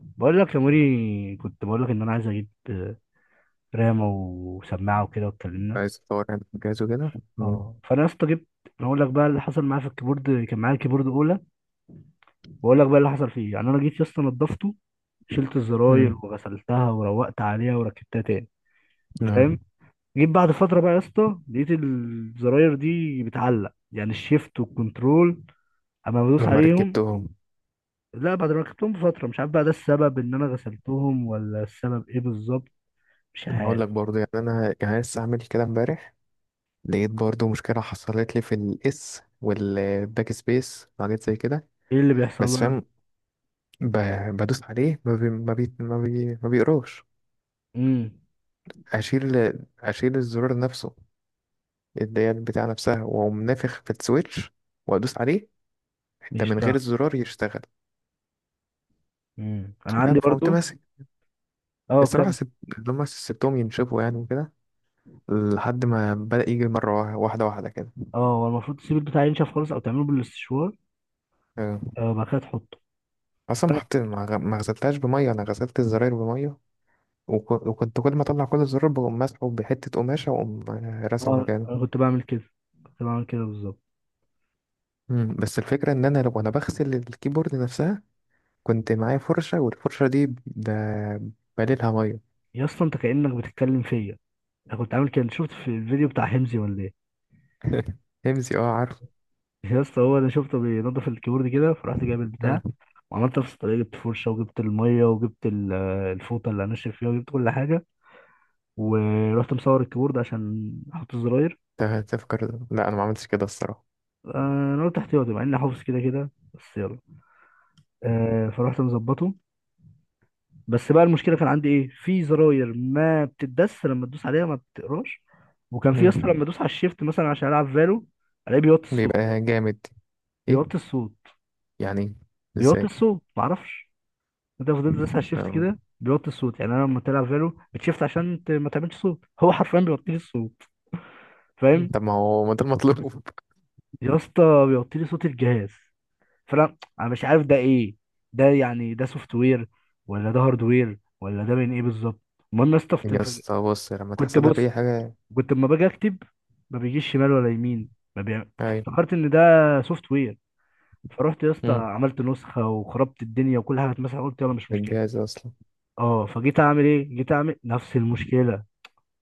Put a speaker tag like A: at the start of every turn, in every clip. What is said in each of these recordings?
A: بقول لك يا موري، كنت بقول لك ان انا عايز اجيب رامه وسماعه وكده واتكلمنا.
B: عايز تطور يعني جهاز وكده. مم.
A: اه فانا يا اسطى جبت. أنا اقول لك بقى اللي حصل معايا في الكيبورد، كان معايا كيبورد اولى، واقول لك بقى اللي حصل فيه يعني. انا جيت يا اسطى نضفته، شلت الزراير
B: مم.
A: وغسلتها وروقت عليها وركبتها تاني. فاهم؟
B: نعم.
A: جيت بعد فتره بقى يا اسطى لقيت الزراير دي بتعلق، يعني الشيفت والكنترول اما بدوس
B: لما
A: عليهم.
B: ركبتهم،
A: لا، بعد ما ركبتهم بفتره. مش عارف بقى ده السبب ان انا غسلتهم، ولا السبب ايه بالظبط. مش
B: هقول لك
A: عارف.
B: برضه يعني انا يعني لسه عامل كده امبارح. لقيت برضه مشكله حصلت لي في الاس والباك سبيس وحاجات زي كده.
A: ايه اللي
B: بس
A: بيحصل؟
B: فاهم، بدوس عليه ما بيقراش.
A: امم
B: اشيل اشيل الزرار نفسه اللي هي بتاع نفسها، واقوم نافخ في السويتش وادوس عليه، ده من غير
A: يشتغل.
B: الزرار يشتغل.
A: انا
B: فاهم،
A: عندي
B: فقمت
A: برضو.
B: ماسك.
A: اه
B: الصراحه
A: كم.
B: سبت، لما سبتهم ينشفوا يعني وكده، لحد ما بدأ يجي مرة واحدة واحدة كده.
A: اه، هو المفروض تسيب البتاع ينشف خالص، او تعمله بالاستشوار.
B: آه.
A: وبعد كده تحطه.
B: أصلا ما
A: فأنا-
B: حطيت، ما غسلتهاش بمية، أنا غسلت الزراير بمية. وكنت كل ما أطلع كل الزرار بقوم مسحه بحتة قماشة وأقوم، راسعه
A: اه،
B: مكانه.
A: انا كنت بعمل كده، كنت بعمل كده بالظبط.
B: مم. بس الفكرة إن أنا لو أنا بغسل الكيبورد نفسها، كنت معايا فرشة، والفرشة دي بليلها مية.
A: يا اسطى انت كأنك بتتكلم فيا. انا كنت عامل كده. أنت شفت في الفيديو بتاع حمزي ولا ايه؟
B: همزي، اه عارف.
A: يا اسطى، هو انا شفته بينضف الكيبورد كده، فرحت جايب
B: مم.
A: البتاع وعملت نفس الطريقه. جبت فرشه وجبت الميه وجبت الفوطه اللي هنشف فيها وجبت كل حاجه. ورحت مصور الكيبورد عشان احط الزراير.
B: تفكر لا، أنا ما عملتش كده الصراحة.
A: انا قلت احتياطي، مع اني حافظ كده كده، بس يلا. فرحت مظبطه. بس بقى المشكله كان عندي ايه، في زراير ما بتدس، لما تدوس عليها ما بتقراش. وكان في اصلا،
B: مم.
A: لما ادوس على الشيفت مثلا عشان العب فالو، الاقيه بيوطي الصوت.
B: بيبقى جامد. إيه
A: بيوطي الصوت.
B: يعني؟
A: بيوطي
B: إزاي؟
A: الصوت، معرفش. انت لو فضلت تدوس على الشيفت
B: آه.
A: كده بيوطي الصوت، يعني انا لما تلعب فالو بتشيفت عشان ما تعملش صوت، هو حرفيا بيوطي لي الصوت. فاهم؟
B: طب ما هو ما ده المطلوب.
A: يا اسطى بيوطي لي صوت الجهاز. فانا مش عارف ده ايه. ده يعني ده سوفت وير، ولا ده هارد وير، ولا ده من ايه بالظبط؟ المهم يا اسطى،
B: يا اسطى بص، لما
A: كنت
B: تحصل لك
A: بص،
B: اي حاجه،
A: كنت لما باجي اكتب ما بيجيش شمال ولا يمين، ما بيع...
B: ايوه.
A: فافتكرت ان ده سوفت وير. فرحت يا اسطى
B: امم
A: عملت نسخه وخربت الدنيا وكل حاجه اتمسحت، قلت يلا مش مشكله.
B: الجهاز اصلا.
A: اه، فجيت اعمل ايه، جيت اعمل نفس المشكله.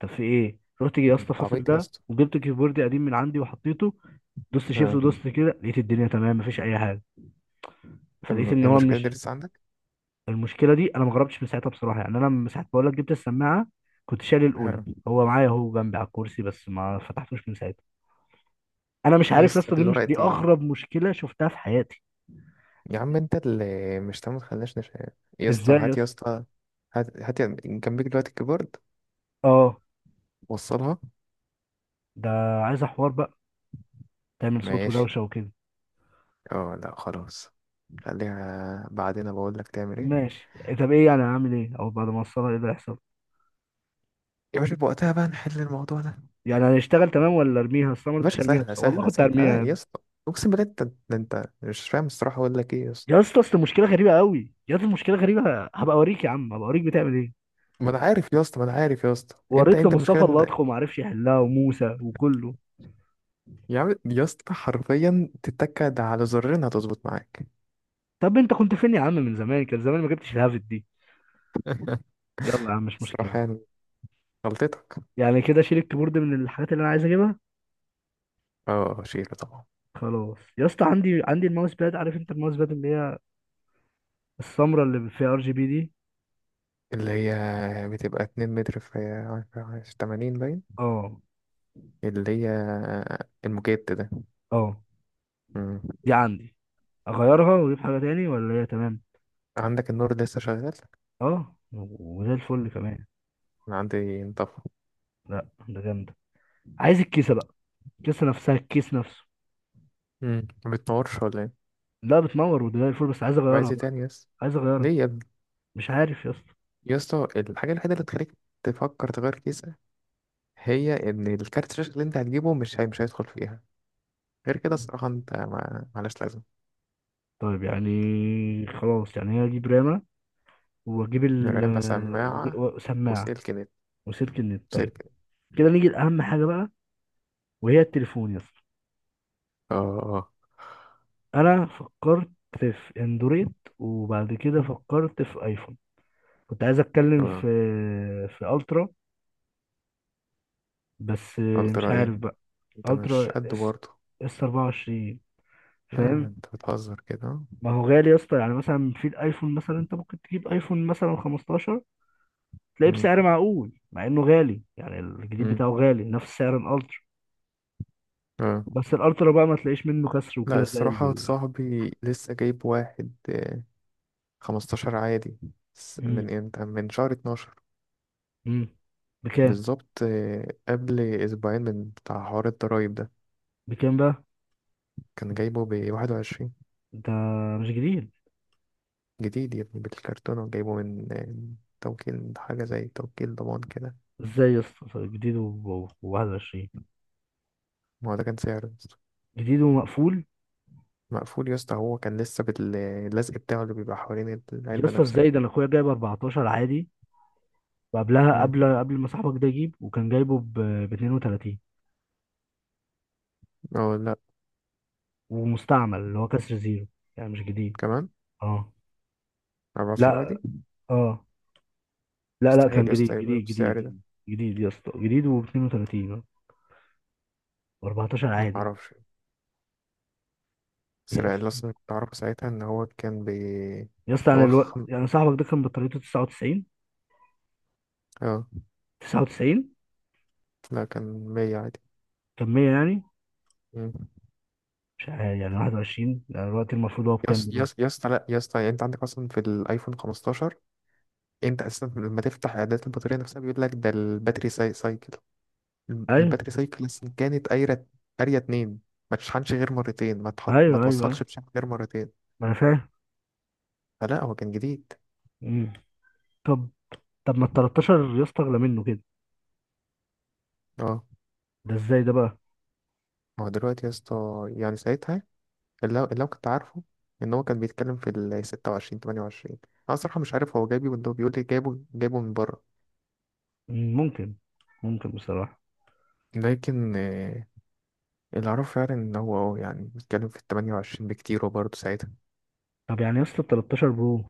A: طب في ايه، رحت جي يا
B: طب
A: اسطى
B: انت
A: فاصل
B: عبيط يا
A: ده
B: اسطى.
A: وجبت كيبوردي قديم من عندي وحطيته، دوست شيفت
B: اه.
A: ودوست كده، لقيت الدنيا تمام، مفيش اي حاجه. فلقيت
B: أم-
A: ان
B: هي
A: هو
B: المشكله دي
A: مش.
B: لسه عندك؟
A: المشكله دي انا ما جربتش من ساعتها بصراحه، يعني انا من ساعه ما بقول لك جبت السماعه كنت شايل الاولى.
B: اه
A: هو معايا اهو جنبي على الكرسي، بس ما فتحتوش من ساعتها. انا مش
B: يا
A: عارف يا
B: اسطى
A: اسطى، دي مش دي
B: دلوقتي،
A: اغرب مشكله شفتها في حياتي.
B: يا عم انت اللي مش تمام تخليناش يا اسطى
A: ازاي يا
B: هات يا
A: اسطى؟
B: اسطى. هات هات جنبك دلوقتي الكيبورد،
A: اه.
B: وصلها.
A: ده عايز حوار بقى، تعمل صوت
B: ماشي.
A: ودوشه وكده.
B: اه لا، خلاص. خليها بعدين بقول لك تعمل ايه.
A: ماشي. طب ايه يعني هعمل ايه، او بعد ما اوصلها ايه اللي هيحصل؟
B: يا باشا، بوقتها بقى نحل الموضوع ده يا
A: يعني هنشتغل تمام ولا ارميها؟ اصل أنا ما رضيتش
B: باشا.
A: ارميها،
B: سهله
A: بس والله
B: سهله
A: كنت
B: سهله.
A: هرميها
B: لا
A: يا
B: يا
A: ابني.
B: اسطى، اقسم بالله انت، ده انت مش فاهم الصراحه. اقول لك ايه يا اسطى،
A: يا اسطى اصل المشكله غريبه قوي، يا اسطى المشكله غريبه. هبقى اوريك يا عم، هبقى اوريك بتعمل ايه.
B: ما انا عارف يا اسطى، ما انا عارف يا اسطى. انت
A: وريت
B: انت المشكله
A: لمصطفى الله
B: ان.
A: ادخل ما عرفش يحلها، وموسى وكله.
B: يا عم يا اسطى، حرفيا تتكد على زرين هتظبط معاك.
A: طب انت كنت فين يا عم من زمان؟ كان زمان ما جبتش الهافت دي. يلا يا عم مش مشكله.
B: الصراحه يعني غلطتك.
A: يعني كده شيل الكيبورد من الحاجات اللي انا عايز اجيبها.
B: اه، شيله طبعا.
A: خلاص يا اسطى. عندي الماوس باد. عارف انت الماوس باد اللي هي السمرة اللي فيها ار جي بي دي.
B: اللي هي بتبقى 2 متر في 80 باين،
A: اه،
B: اللي هي المجيت ده.
A: اه.
B: مم.
A: دي عندي، اغيرها واجيب حاجة تاني ولا هي تمام؟
B: عندك النور لسه شغال؟
A: اه وزي الفل كمان.
B: انا عندي انطفى.
A: لا، ده جامدة. عايز الكيسة بقى، الكيسة نفسها، الكيس نفسه.
B: مم. ما بتنورش ولا ايه؟
A: لا بتنور وده زي الفل، بس عايز
B: طب
A: اغيرها
B: عايز ايه
A: بقى.
B: تاني يس؟
A: عايز اغيرها.
B: ليه يا ابني؟
A: مش عارف يا اسطى.
B: يا اسطى الحاجه الوحيده اللي تخليك تفكر تغير كيسه هي ان الكارت الشاشه اللي انت هتجيبه، مش هي مش هيدخل فيها. غير كده الصراحة انت ما، معلش لازم.
A: طيب يعني خلاص، يعني هي اجيب رامة، واجيب ال،
B: رام بسماعة
A: وسماعة،
B: وسلك نت.
A: وسلك النت. طيب
B: سلك نت.
A: كده نيجي لأهم حاجة بقى، وهي التليفون يا اسطى.
B: اه، اه،
A: انا فكرت في اندرويد، وبعد كده فكرت في ايفون. كنت عايز اتكلم في
B: اه.
A: في الترا، بس
B: قلت
A: مش
B: رأي ايه؟
A: عارف بقى.
B: انت مش
A: الترا
B: قد
A: اس،
B: برضه.
A: اس 24.
B: لا لا،
A: فاهم؟
B: انت بتهزر كده.
A: ما هو غالي يا اسطى، يعني مثلا في الايفون مثلا انت ممكن تجيب ايفون مثلا 15، تلاقيه
B: مم.
A: بسعر معقول مع انه غالي، يعني الجديد
B: مم.
A: بتاعه غالي نفس سعر الالترا.
B: اه
A: بس الالترا بقى ما تلاقيش منه كسر
B: لا،
A: وكده زي
B: الصراحة
A: ال.
B: صاحبي لسه جايب واحد، 15 عادي.
A: مم.
B: من امتى، من شهر 12
A: مم. بكام؟
B: بالظبط، قبل اسبوعين من بتاع حوار الضرايب ده.
A: بكام بقى؟
B: كان جايبه ب 21.
A: ده مش جديد.
B: جديد يا ابني، بالكرتونة، وجايبه من توكيل، حاجة زي توكيل ضمان كده.
A: ازاي يا اسطى؟ طيب، جديد و21؟
B: ما هو ده كان سعره يا اسطى.
A: جديد ومقفول؟
B: مقفول يا اسطى، هو كان لسه باللزق بتاعه اللي بيبقى حوالين
A: يا
B: العلبة
A: اسطى
B: نفسها.
A: ازاي، ده انا اخويا جايب 14 عادي، وقبلها،
B: مم.
A: قبل ما صاحبك ده يجيب، وكان جايبه ب 32،
B: اه لا،
A: ومستعمل اللي هو كسر زيرو، يعني مش جديد.
B: كمان
A: اه،
B: 14 عادي.
A: لا. اه، لا لا،
B: مستحيل
A: كان
B: يا اسطى
A: جديد
B: يبقى
A: جديد جديد
B: بالسعر ده.
A: جديد. جديد يا اسطى، جديد و 32، و14
B: ما
A: عادي.
B: اعرفش، بس
A: يا
B: لا، اللي
A: اسطى،
B: اصلا كنت اعرفه ساعتها ان هو كان إن
A: يا اسطى، انا
B: هو
A: الوقت يعني صاحبك ده كان بطاريته 99؟
B: اه
A: 99؟
B: لا، كان 100 عادي.
A: كان 100 يعني؟
B: مم.
A: مش عارف يعني 21، يعني الوقت المفروض هو
B: يا
A: بكام
B: اسطى
A: دلوقتي؟
B: يا اسطى يا اسطى، لا يا اسطى، يعني انت عندك اصلا في الايفون 15. انت اساسا لما تفتح اعدادات البطاريه نفسها بيقول لك ده الباتري سايكل.
A: ايوه،
B: الباتري سايكل أصلاً كانت قاريه 2. ما تشحنش غير مرتين، ما
A: ايوه، ايوه، أيوه.
B: توصلش بشحن غير مرتين.
A: ما انا فاهم.
B: فلا، هو كان جديد.
A: امم طب، طب ما ال 13 يا اسطى اغلى منه كده،
B: اه.
A: ده ازاي ده بقى؟
B: ما هو دلوقتي يا اسطى يعني، ساعتها اللي هو كنت عارفه ان هو كان بيتكلم في ال 26 28. انا صراحه مش عارف هو جايبه، ولا هو بيقول لي جايبه، جايبه من بره.
A: ممكن. ممكن بصراحه.
B: لكن، اللي اعرفه فعلا ان هو يعني بيتكلم في ال 28 بكتير وبرضه ساعتها.
A: طب يعني يا اسطى ال 13 برو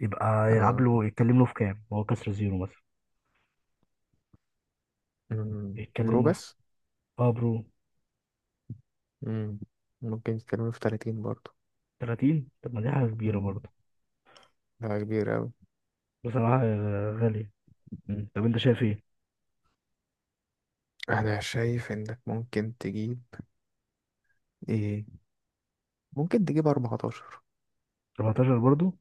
A: يبقى يلعب
B: آه،
A: له، يتكلم له في كام، هو كسر زيرو مثلا؟
B: مم، برو
A: يتكلم له في.
B: بس.
A: اه برو.
B: مم. ممكن يتكلموا في 30 برضه.
A: 30؟ طب ما دي حاجه كبيره
B: مم.
A: برضه.
B: ده كبير أوي.
A: بصراحه غاليه. طب انت شايف ايه؟
B: أنا شايف إنك ممكن تجيب، إيه، ممكن تجيب 14.
A: 14 برضه؟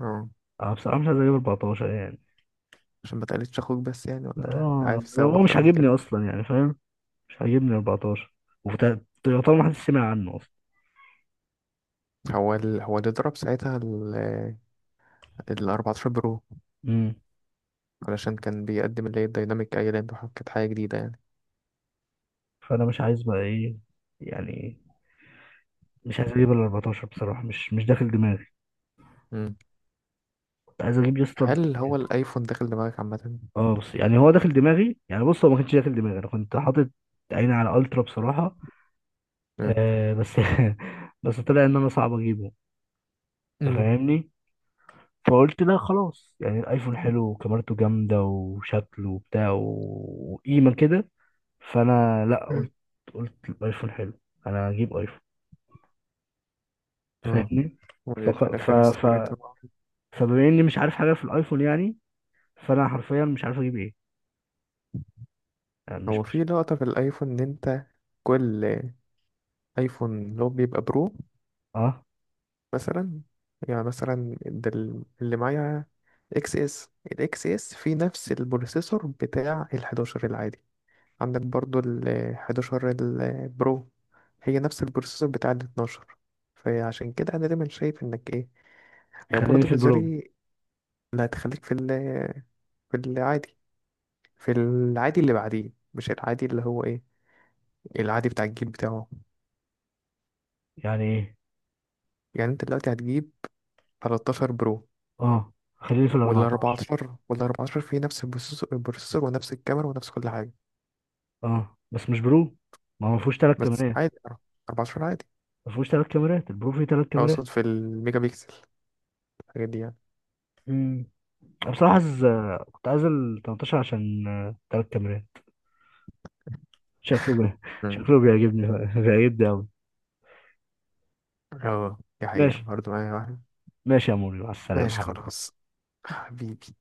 B: اه،
A: اه بصراحه مش عايز اجيب 14 يعني.
B: عشان ما تقلدش أخوك بس يعني، ولا
A: اه
B: عارف السبب
A: هو مش
B: أكتر من
A: عاجبني
B: كده.
A: اصلا، يعني فاهم، مش عاجبني 14. وطبعا ما حدش سمع عنه اصلا.
B: هو هو اللي ضرب ساعتها ال 14 برو،
A: امم
B: علشان كان بيقدم اللي هي الديناميك ايلاند، وكانت حاجة جديدة يعني.
A: فانا مش عايز بقى ايه يعني، مش عايز اجيب ال 14 بصراحه، مش داخل دماغي.
B: مم.
A: كنت عايز اجيب يا اسطى.
B: هل هو الأيفون داخل دماغك عامة؟
A: اه بس يعني هو داخل دماغي يعني. بص، هو ما كانش داخل دماغي، انا كنت حاطط عيني على الترا بصراحه.
B: مم.
A: آه بس. بس طلع ان انا صعب اجيبه. انت
B: امم
A: فاهمني؟ فقلت لا خلاص، يعني الايفون حلو، وكاميرته جامده، وشكله وبتاع، وقيمه كده. فانا لا
B: مم.
A: قلت، قلت الايفون حلو، انا هجيب ايفون.
B: اه،
A: فاهمني؟
B: وفي
A: فق... ف...
B: الآخر
A: ف...
B: استقريت طبعا.
A: فبما اني مش عارف حاجه في الايفون يعني، فانا حرفيا مش عارف اجيب ايه. آه، مش
B: هو في
A: مش
B: لقطة في الأيفون، إن أنت كل ايفون اللي هو بيبقى برو
A: اه
B: مثلا، يعني مثلا ده اللي معايا اكس اس الاكس اس فيه نفس البروسيسور بتاع ال11 العادي. عندك برضو ال11 البرو، هي نفس البروسيسور بتاع ال12. فعشان كده انا دايما شايف انك ايه، هي
A: خليني
B: برضو
A: في البرو.
B: بتزري. اللي هتخليك في في العادي اللي بعديه، مش العادي اللي هو ايه، العادي بتاع الجيل بتاعه.
A: يعني ايه؟
B: يعني انت دلوقتي هتجيب 13 برو،
A: اه خليني في ال
B: وال
A: 14.
B: 14 وال 14 فيه نفس البروسيسور ونفس الكاميرا ونفس كل حاجة.
A: اه بس مش برو. ما هو ما فيهوش ثلاث
B: بس
A: كاميرات.
B: عادي، 14 عادي.
A: ما فيهوش ثلاث كاميرات، البرو فيه ثلاث كاميرات.
B: أقصد في الميجا بيكسل، الحاجات دي يعني.
A: امم. أنا بصراحه عايز، كنت عايز ال 18 عشان ثلاث كاميرات، شكله بي...
B: مم.
A: شكله بيعجبني. بيعجبني قوي.
B: اه دي حقيقة
A: ماشي.
B: برضه معايا واحد.
A: ماشي يا موري، مع السلامه
B: ماشي
A: حبيبي.
B: خلاص، حبيبي.